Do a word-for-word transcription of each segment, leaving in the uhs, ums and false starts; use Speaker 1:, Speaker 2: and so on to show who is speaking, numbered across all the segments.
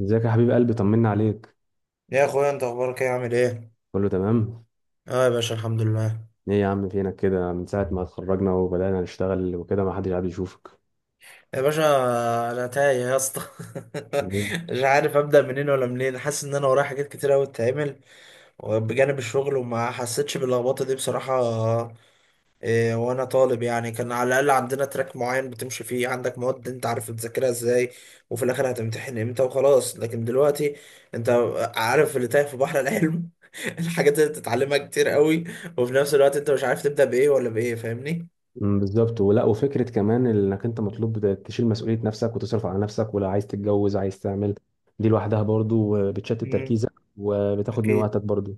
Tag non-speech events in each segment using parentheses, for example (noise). Speaker 1: ازيك يا حبيب قلبي؟ طمنا عليك.
Speaker 2: يا اخويا، انت اخبارك ايه؟ عامل ايه؟
Speaker 1: كله تمام.
Speaker 2: اه يا باشا، الحمد لله.
Speaker 1: ايه يا عم، فينك كده من ساعة ما اتخرجنا وبدأنا نشتغل وكده ما حدش قاعد يشوفك؟
Speaker 2: يا باشا، انا تايه يا اسطى.
Speaker 1: ليه؟
Speaker 2: (laughs) مش عارف ابدا منين ولا منين، حاسس ان انا ورايا حاجات كتير قوي تتعمل بجانب الشغل، وما حسيتش باللخبطه دي بصراحه. إيه، وانا طالب يعني كان على الاقل عندنا تراك معين بتمشي فيه، عندك مواد انت عارف تذاكرها ازاي، وفي الاخر هتمتحن امتى وخلاص. لكن دلوقتي انت عارف اللي تايه في بحر العلم. (laughs) الحاجات اللي بتتعلمها كتير قوي، وفي نفس الوقت انت مش عارف تبدا بايه ولا بايه، فاهمني؟
Speaker 1: امم بالظبط، ولا وفكرة كمان انك انت مطلوب ده- تشيل مسؤولية نفسك وتصرف على نفسك، ولا عايز تتجوز، عايز تعمل. دي لوحدها برضو بتشتت تركيزك وبتاخد من
Speaker 2: اكيد.
Speaker 1: وقتك برضو.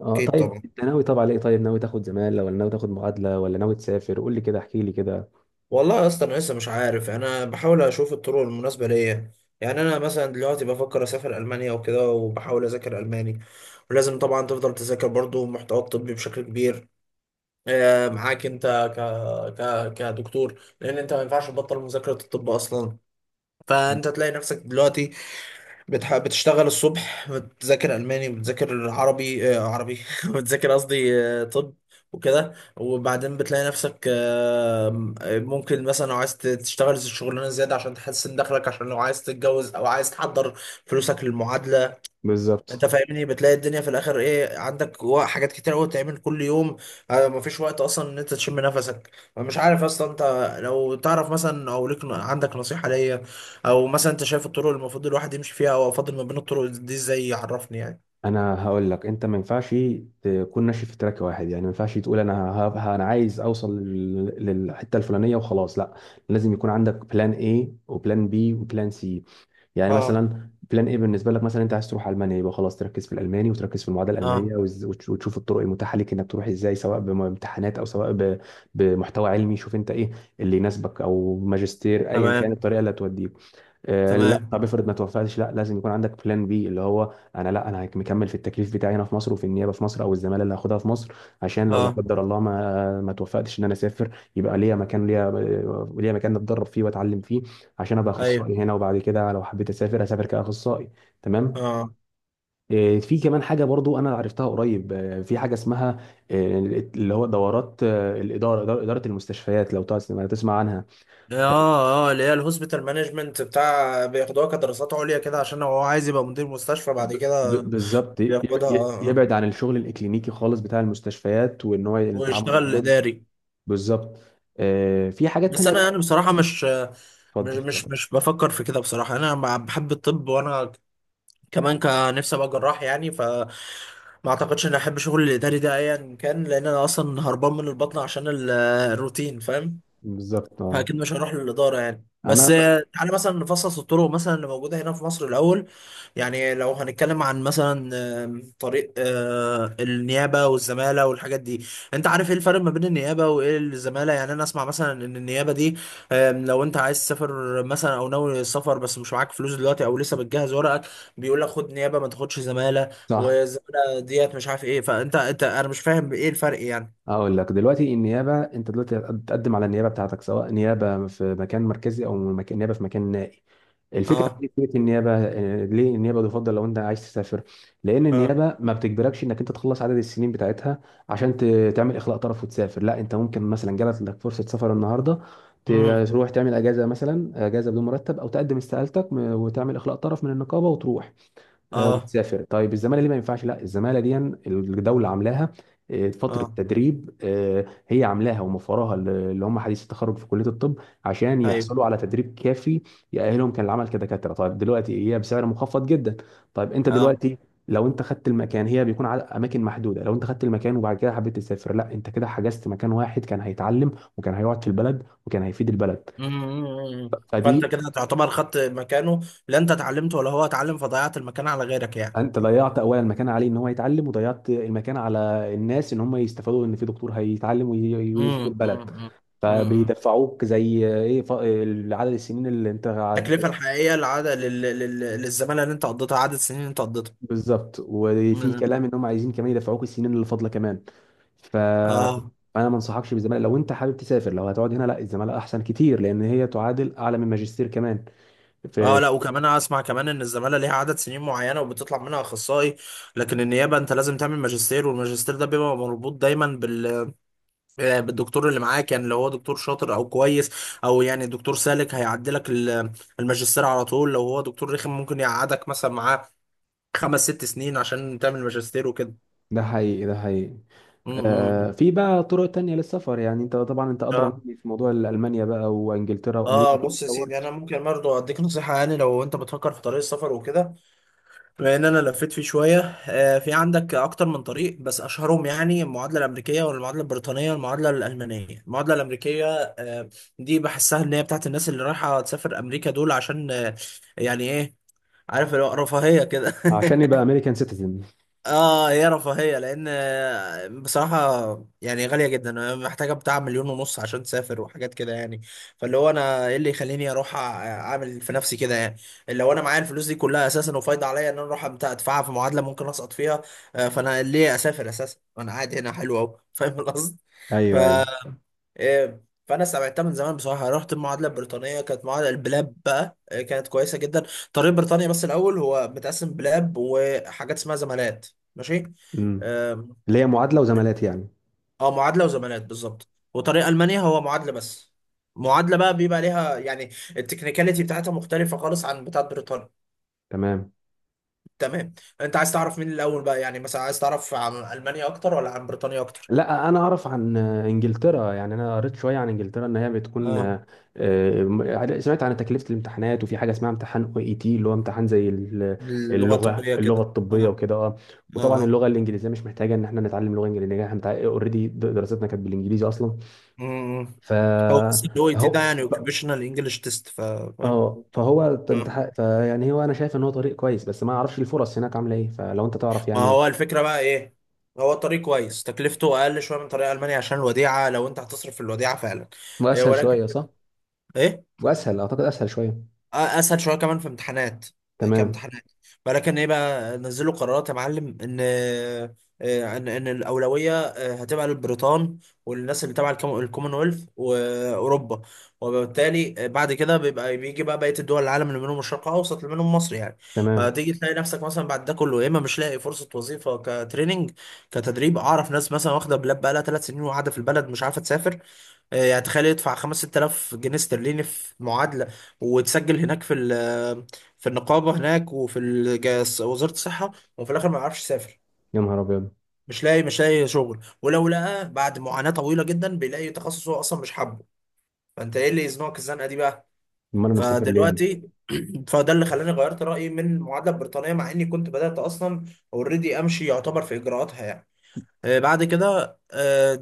Speaker 1: اه
Speaker 2: اكيد
Speaker 1: طيب،
Speaker 2: طبعا.
Speaker 1: انت ناوي طبعا ايه؟ طيب ناوي تاخد زمالة ولا ناوي تاخد معادلة ولا ناوي تسافر؟ قول لي كده، احكي لي كده.
Speaker 2: والله يا اسطى، انا لسه مش عارف. انا بحاول اشوف الطرق المناسبه ليا. يعني انا مثلا دلوقتي بفكر اسافر المانيا وكده، وبحاول اذاكر الماني، ولازم طبعا تفضل تذاكر برضو محتوى الطبي بشكل كبير. آه، معاك انت ك... ك... كدكتور، لان انت ما ينفعش تبطل مذاكره الطب اصلا. فانت تلاقي نفسك دلوقتي بتح... بتشتغل الصبح، بتذاكر ألماني وبتذاكر عربي، آه عربي (laughs) بتذاكر قصدي آه طب وكده. وبعدين بتلاقي نفسك، آه ممكن مثلا لو عايز تشتغل شغلانة زيادة عشان تحسن دخلك، عشان لو عايز تتجوز أو عايز تحضر فلوسك للمعادلة. انت
Speaker 1: بالظبط.
Speaker 2: فاهمني؟ بتلاقي الدنيا في الاخر ايه عندك، و- حاجات كتير قوي تعمل كل يوم. آه، مفيش وقت اصلا ان انت تشم نفسك. مش عارف اصلا، انت لو تعرف مثلا او ليك ن- عندك نصيحة ليا، او مثلا انت شايف الطرق اللي المفروض الواحد يمشي فيها، او افضل ما بين الطرق دي ازاي، يعرفني يعني.
Speaker 1: انا هقول لك، انت ما ينفعش تكون ماشي في تراك واحد. يعني ما ينفعش تقول انا ه- ه- انا عايز اوصل لل- للحته الفلانيه وخلاص، لا. لازم يكون عندك بلان ايه وبلان بي وبلان سي. يعني
Speaker 2: اه،
Speaker 1: مثلا بلان ايه بالنسبه لك، مثلا انت عايز تروح المانيا، يبقى خلاص تركز في الالماني وتركز في المعادله
Speaker 2: اه،
Speaker 1: الالمانيه وز- وتش- وتشوف الطرق المتاحه ليك انك تروح ازاي، سواء بامتحانات او سواء ب- بمحتوى علمي. شوف انت ايه اللي يناسبك، او ماجستير، ايا كان
Speaker 2: تمام،
Speaker 1: الطريقه اللي هتوديه. آه، لا
Speaker 2: تمام،
Speaker 1: طب، افرض ما توفقتش، لا لازم يكون عندك بلان بي، اللي هو انا لا انا هك- مكمل في التكليف بتاعي هنا في مصر وفي النيابه في مصر، او الزماله اللي هاخدها في مصر. عشان لو لا
Speaker 2: اه،
Speaker 1: قدر الله ما ما توفقتش ان انا اسافر، يبقى ليا مكان، ليا ليا مكان اتدرب فيه واتعلم فيه، عشان ابقى
Speaker 2: ايوه،
Speaker 1: اخصائي هنا، وبعد كده لو حبيت اسافر، اسافر كاخصائي. تمام.
Speaker 2: اه،
Speaker 1: آه، في كمان حاجه برضو انا عرفتها قريب، آه، في حاجه اسمها آه، اللي هو دورات، آه، الاداره، اداره إدارة المستشفيات. لو تسمع تسمع عنها.
Speaker 2: اه، اه، اللي هي الهوسبيتال مانجمنت، بتاع بياخدوها كدراسات عليا كده عشان هو عايز يبقى مدير مستشفى بعد
Speaker 1: ب-
Speaker 2: كده.
Speaker 1: ب- بالظبط، يب-
Speaker 2: بياخدها،
Speaker 1: ي-
Speaker 2: اه، اه،
Speaker 1: يبعد عن الشغل الاكلينيكي خالص بتاع المستشفيات وان هو التعامل مع
Speaker 2: ويشتغل
Speaker 1: مرضى.
Speaker 2: اداري.
Speaker 1: بالظبط. آه، في حاجات
Speaker 2: بس
Speaker 1: تانية
Speaker 2: انا
Speaker 1: بقى.
Speaker 2: يعني بصراحه مش
Speaker 1: اتفضل
Speaker 2: مش مش
Speaker 1: اتفضل.
Speaker 2: مش بفكر في كده بصراحه. انا مع- بحب الطب، وانا كمان كان نفسي ابقى جراح يعني، ف ما اعتقدش اني احب شغل الاداري ده ايا كان، لان انا اصلا هربان من البطن عشان ال- الروتين، فاهم؟
Speaker 1: بالظبط، اه.
Speaker 2: فاكيد مش هروح للاداره يعني.
Speaker 1: انا
Speaker 2: بس مم.
Speaker 1: بقى.
Speaker 2: آه، تعالى مثلا نفصص الطرق مثلا اللي موجوده هنا في مصر الاول. يعني لو هنتكلم عن مثلا آم، طريق آه، النيابه والزماله والحاجات دي. انت عارف ايه الفرق ما بين النيابه وايه الزماله؟ يعني انا اسمع مثلا ان النيابه دي آم، لو انت عايز تسافر مثلا او ناوي السفر، بس مش معاك فلوس دلوقتي او لسه بتجهز ورقك، بيقول لك خد نيابه ما تاخدش زماله.
Speaker 1: صح.
Speaker 2: والزماله ديت مش عارف ايه. فانت انت انا مش فاهم ايه الفرق يعني.
Speaker 1: اقول لك دلوقتي، النيابه انت دلوقتي هتقدم على النيابه بتاعتك، سواء نيابه في مكان مركزي او مك... نيابه في مكان نائي. الفكره
Speaker 2: اه،
Speaker 1: في فكره النيابه، آه، ليه النيابه تفضل لو انت عايز تسافر؟ لان
Speaker 2: اه،
Speaker 1: النيابه ما بتجبركش انك انت تخلص عدد السنين بتاعتها عشان ت... تعمل اخلاء طرف وتسافر. لا انت ممكن مثلا جالت لك فرصه سفر النهارده، ت-
Speaker 2: امم،
Speaker 1: تروح تعمل اجازه، مثلا اجازه بدون مرتب، او تقدم استقالتك م- وتعمل اخلاء طرف من النقابه وتروح، آه،
Speaker 2: اه،
Speaker 1: وتسافر. طيب الزماله دي ما ينفعش، لا الزماله دي الدوله عاملاها آه، فتره
Speaker 2: اه،
Speaker 1: تدريب، آه، هي عاملاها وموفراها ل- اللي هم حديث التخرج في كليه الطب، عشان
Speaker 2: ايوه،
Speaker 1: يحصلوا على تدريب كافي يأهلهم كان العمل كدكاتره. طيب دلوقتي هي بسعر مخفض جدا، طيب انت
Speaker 2: اه،
Speaker 1: دلوقتي لو انت خدت المكان، هي بيكون على اماكن محدوده، لو انت خدت المكان وبعد كده حبيت تسافر، لا انت كده حجزت مكان واحد كان هيتعلم وكان هيقعد في البلد وكان هيفيد البلد.
Speaker 2: مم. فانت
Speaker 1: فدي،
Speaker 2: كده تعتبر خدت مكانه. لا انت اتعلمت ولا هو اتعلم، فضيعت المكان على غيرك يعني.
Speaker 1: انت ضيعت اولا المكان عليه ان هو يتعلم، وضيعت المكان على الناس ان هم يستفادوا ان في دكتور هيتعلم وي- وي-
Speaker 2: مم.
Speaker 1: ويفيد البلد.
Speaker 2: مم. مم.
Speaker 1: فبيدفعوك زي ايه، ف- عدد السنين اللي انت
Speaker 2: التكلفه
Speaker 1: قاعد.
Speaker 2: الحقيقيه العادة لل... لل... للزماله اللي انت قضيتها، عدد السنين اللي انت قضيتها.
Speaker 1: بالظبط، وفي
Speaker 2: مم.
Speaker 1: كلام ان هم عايزين كمان يدفعوك السنين اللي فاضله كمان. ف
Speaker 2: اه،
Speaker 1: انا ما انصحكش بالزماله لو انت حابب تسافر. لو هتقعد هنا، لا الزماله احسن كتير، لان هي تعادل اعلى من ماجستير كمان
Speaker 2: اه،
Speaker 1: في.
Speaker 2: لا، وكمان اسمع كمان ان الزماله ليها عدد سنين معينه وبتطلع منها اخصائي. لكن النيابه انت لازم تعمل ماجستير، والماجستير ده بيبقى مربوط دايما بال آه، الدكتور اللي معاه. كان لو هو دكتور شاطر او كويس، او يعني دكتور سالك، هيعدلك ال- الماجستير على طول. لو هو دكتور رخم ممكن يقعدك مثلا معاه خمس ست سنين عشان تعمل ماجستير وكده.
Speaker 1: ده حقيقي، ده حقيقي. آه،
Speaker 2: امم،
Speaker 1: في بقى طرق تانية للسفر. يعني انت طبعا انت ادرى
Speaker 2: اه،
Speaker 1: مني في موضوع المانيا بقى وانجلترا وامريكا،
Speaker 2: اه،
Speaker 1: اكيد
Speaker 2: بص
Speaker 1: انت
Speaker 2: يا سيدي،
Speaker 1: دورت.
Speaker 2: انا ممكن برضه اديك نصيحه. يعني لو انت بتفكر في طريق السفر وكده، بما ان انا لفيت فيه شويه، آه، في عندك اكتر من طريق، بس اشهرهم يعني المعادله الامريكيه والمعادله البريطانيه والمعادله الالمانيه. المعادله الامريكيه آه، دي بحسها ان هي بتاعت الناس اللي رايحه تسافر امريكا دول، عشان آه، يعني ايه، عارف، اللي هو رفاهيه كده.
Speaker 1: عشان يبقى
Speaker 2: (laughs)
Speaker 1: امريكان سيتيزن.
Speaker 2: اه، يا رفاهية، لان بصراحة يعني غالية جدا. أنا محتاجة بتاع مليون ونص عشان تسافر وحاجات كده يعني. فاللي هو انا ايه اللي يخليني اروح أع- اعمل في نفسي كده يعني؟ لو انا معايا الفلوس دي كلها اساسا وفايضة عليا ان انا اروح أمت- ادفعها في معادلة ممكن اسقط فيها؟ آه، فانا ليه اسافر اساسا وانا قاعد هنا حلو اهو؟ فاهم القصد؟ ف
Speaker 1: ايوه ايوه.
Speaker 2: إيه، فانا سمعتها من زمان بصراحه. رحت المعادله البريطانيه، كانت معادله البلاب بقى، إيه، كانت كويسه جدا طريق بريطانيا. بس الاول هو متقسم بلاب وحاجات اسمها زمالات. ماشي،
Speaker 1: امم.
Speaker 2: آم،
Speaker 1: اللي هي معادله وزمالات يعني.
Speaker 2: اه معادله وزمالات بالظبط. وطريق المانيا هو معادله بس. معادله بقى بيبقى ليها يعني التكنيكاليتي بتاعتها مختلفه خالص عن بتاعت بريطانيا.
Speaker 1: تمام.
Speaker 2: تمام. انت عايز تعرف مين الاول بقى؟ يعني مثلا عايز تعرف عن المانيا اكتر ولا عن بريطانيا اكتر؟
Speaker 1: لا انا اعرف عن آه، انجلترا. يعني انا قريت شويه عن انجلترا، ان هي بتكون
Speaker 2: اه،
Speaker 1: آه، آه، سمعت عن تكلفه الامتحانات، وفي حاجه اسمها امتحان او اي تي، اللي هو امتحان زي ال-
Speaker 2: اللغه
Speaker 1: اللغه،
Speaker 2: الطبيه
Speaker 1: اللغه
Speaker 2: كده، اه،
Speaker 1: الطبيه وكده، اه. وطبعا
Speaker 2: اه، آه.
Speaker 1: اللغه الانجليزيه مش محتاجه ان احنا نتعلم لغه انجليزيه، احنا اوريدي دراستنا كانت بالانجليزي اصلا.
Speaker 2: مم.
Speaker 1: ف-
Speaker 2: هو بس ال أو إي تي ده
Speaker 1: فهو
Speaker 2: يعني
Speaker 1: ف-
Speaker 2: اوكيبيشنال انجلش تيست، فاهم؟
Speaker 1: اه فهو، انت
Speaker 2: مم.
Speaker 1: ح- فيعني هو انا شايف ان هو طريق كويس، بس ما اعرفش الفرص هناك عامله ايه، فلو انت تعرف
Speaker 2: ما
Speaker 1: يعني.
Speaker 2: هو الفكرة بقى ايه. هو طريق كويس، تكلفته اقل شوية من طريق المانيا، عشان الوديعة، لو انت هتصرف في الوديعة فعلا. إيه،
Speaker 1: واسهل
Speaker 2: ولكن
Speaker 1: شويه صح؟
Speaker 2: ايه،
Speaker 1: واسهل، اعتقد اسهل شويه.
Speaker 2: اسهل شويه كمان في امتحانات،
Speaker 1: تمام.
Speaker 2: كامتحانات. ولكن ايه بقى، نزلوا قرارات يا معلم، ان آه، ان ان الاولويه آه، هتبقى للبريطان، والناس اللي تبع الكم- الكومنولث واوروبا. وبالتالي آه، بعد كده بيبقى بيجي بقى بقيه الدول العالم، اللي منهم الشرق الاوسط، اللي منهم مصر يعني.
Speaker 1: تمام.
Speaker 2: فتيجي تلاقي نفسك مثلا بعد ده كله، يا اما مش لاقي فرصه وظيفه كتريننج، كتدريب. اعرف ناس مثلا واخده بلاب بقى لها ثلاث سنين وقاعده في البلد مش عارفه تسافر. آه، يعني تخيل، يدفع خمسة آلاف جنيه استرليني في معادلة وتسجل هناك في ال- في النقابة هناك، وفي الج- وزارة الصحة، وفي الآخر ما يعرفش يسافر.
Speaker 1: يا نهار ابيض.
Speaker 2: مش لاقي، مش لاقي شغل. ولو لقى بعد معاناة طويلة جدا، بيلاقي تخصص هو أصلا مش حابه. فأنت إيه اللي يزنقك الزنقة دي بقى؟
Speaker 1: امال انا مسافر ليه؟
Speaker 2: فدلوقتي (clears throat) فده اللي خلاني غيرت رأيي من المعادلة البريطانية، مع إني كنت بدأت أصلا أوريدي أمشي يعتبر في إجراءاتها يعني. آه، بعد كده آه،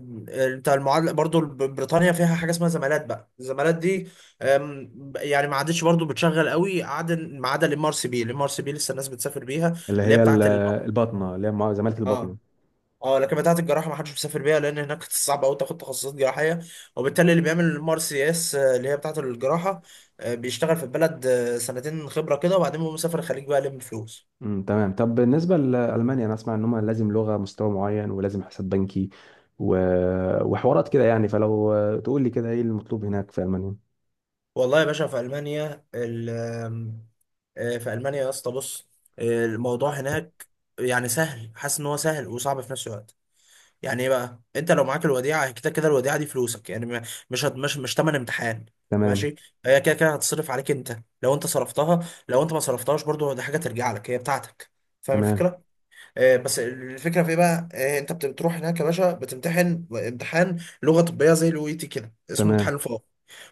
Speaker 2: بتاع المعادله برضو ب- بريطانيا فيها حاجه اسمها زمالات. بقى الزمالات دي آم، يعني ما عادتش برضو بتشغل قوي، عدا ما عدا الام ار سي بي. الام ار سي بي لسه الناس بتسافر بيها.
Speaker 1: اللي
Speaker 2: اللي هي
Speaker 1: هي ال-
Speaker 2: بتاعت ال
Speaker 1: الباطنه، اللي هي مع- زماله الباطنه.
Speaker 2: اه، اه، لكن بتاعت الجراحه ما حدش بيسافر بيها، لان هناك (laughs) صعب قوي تاخد تخصصات جراحيه. وبالتالي اللي بيعمل الام ار سي اس، آه، اللي هي بتاعت الجراحه، آه، بيشتغل في البلد، آه، سنتين خبره كده، وبعدين بيقوم مسافر الخليج بقى يلم فلوس.
Speaker 1: امم تمام. طب بالنسبه لالمانيا، انا اسمع ان هم لازم لغه مستوى معين، ولازم حساب بنكي و... وحوارات كده يعني، فلو تقول لي كده ايه المطلوب هناك في المانيا.
Speaker 2: والله يا باشا، في المانيا ال- آم، آه، في المانيا يا اسطى، بص، آه، الموضوع هناك يعني سهل. حاسس ان هو سهل وصعب في نفس الوقت. يعني ايه بقى، انت لو معاك الوديعه كده كده، الوديعه دي فلوسك يعني، ما- مش هت- مش مش تمن امتحان.
Speaker 1: تمام.
Speaker 2: ماشي. هي كده كده هتصرف عليك انت لو انت صرفتها، لو انت ما صرفتهاش برضو دي حاجه ترجع لك هي بتاعتك، فاهم
Speaker 1: تمام.
Speaker 2: الفكره؟ آه، بس الفكره في ايه بقى، آه، انت بت- بتروح هناك يا باشا، بتمتحن امتحان لغه طبيه زي الاو اي تي كده، اسمه
Speaker 1: تمام.
Speaker 2: امتحان الفاق.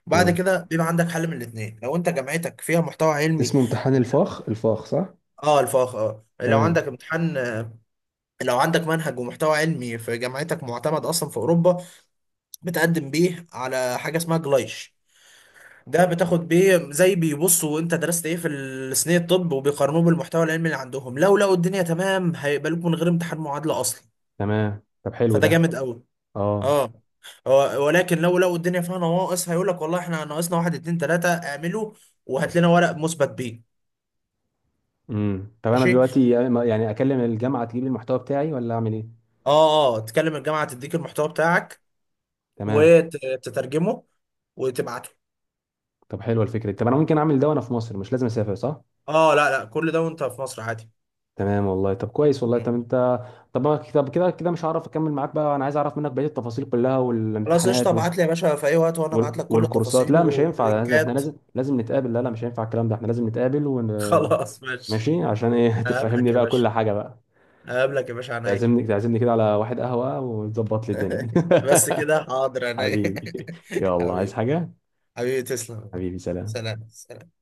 Speaker 2: بعد
Speaker 1: تمام.
Speaker 2: كده بيبقى عندك حل من الاثنين، لو انت جامعتك فيها محتوى علمي.
Speaker 1: اسمه امتحان
Speaker 2: بت-
Speaker 1: الفاخ، الفاخ صح.
Speaker 2: اه الفاق. اه لو
Speaker 1: تمام آه.
Speaker 2: عندك امتحان، آه، لو عندك منهج ومحتوى علمي في جامعتك معتمد اصلا في اوروبا، بتقدم بيه على حاجه اسمها جلايش. ده بتاخد بيه، زي بيبصوا انت درست ايه في السنين الطب وبيقارنوه بالمحتوى العلمي اللي عندهم، لو لقوا الدنيا تمام هيقبلوك من غير امتحان معادله اصلا.
Speaker 1: تمام، طب حلو
Speaker 2: فده
Speaker 1: ده.
Speaker 2: جامد قوي.
Speaker 1: اه.
Speaker 2: اه. هو- ولكن لو لو الدنيا فيها نواقص، هيقول لك والله احنا ناقصنا واحد اتنين تلاته، اعمله وهات لنا ورق مثبت بيه.
Speaker 1: امم. طب انا
Speaker 2: ماشي.
Speaker 1: دلوقتي يعني اكلم الجامعه تجيب لي المحتوى بتاعي، ولا اعمل ايه؟
Speaker 2: اه، اه، تكلم الجامعه تديك المحتوى بتاعك،
Speaker 1: تمام.
Speaker 2: وتترجمه، وتبعته.
Speaker 1: طب حلوه الفكره دي. طب انا ممكن اعمل ده وانا في مصر، مش لازم اسافر صح؟
Speaker 2: اه لا، لا، كل ده وانت في مصر عادي.
Speaker 1: تمام والله، طب كويس والله.
Speaker 2: مم.
Speaker 1: طب انت. طب أنا- طب كده كده مش هعرف اكمل معاك بقى. انا عايز اعرف منك بقيه التفاصيل كلها
Speaker 2: خلاص قشطه،
Speaker 1: والامتحانات وال...
Speaker 2: ابعت لي يا باشا في اي وقت وانا ابعت
Speaker 1: وال...
Speaker 2: لك كل
Speaker 1: والكورسات.
Speaker 2: التفاصيل
Speaker 1: لا مش هينفع، لازم احنا
Speaker 2: واللينكات.
Speaker 1: لازم لازم نتقابل. لا لا مش هينفع الكلام ده، احنا لازم نتقابل ون...
Speaker 2: (laughs) خلاص ماشي.
Speaker 1: ماشي. عشان ايه (laughs)
Speaker 2: هقابلك
Speaker 1: تفهمني
Speaker 2: يا
Speaker 1: بقى
Speaker 2: باشا،
Speaker 1: كل حاجه بقى.
Speaker 2: هقابلك يا باشا عينيا.
Speaker 1: تعزمني، تعزمني كده على واحد قهوة، وتظبط لي الدنيا
Speaker 2: بس كده، حاضر،
Speaker 1: (laughs)
Speaker 2: عينيا.
Speaker 1: حبيبي.
Speaker 2: (laughs)
Speaker 1: يلا، عايز
Speaker 2: حبيبي.
Speaker 1: حاجة؟
Speaker 2: حبيبي، تسلم.
Speaker 1: حبيبي سلام.
Speaker 2: سلام، سلام.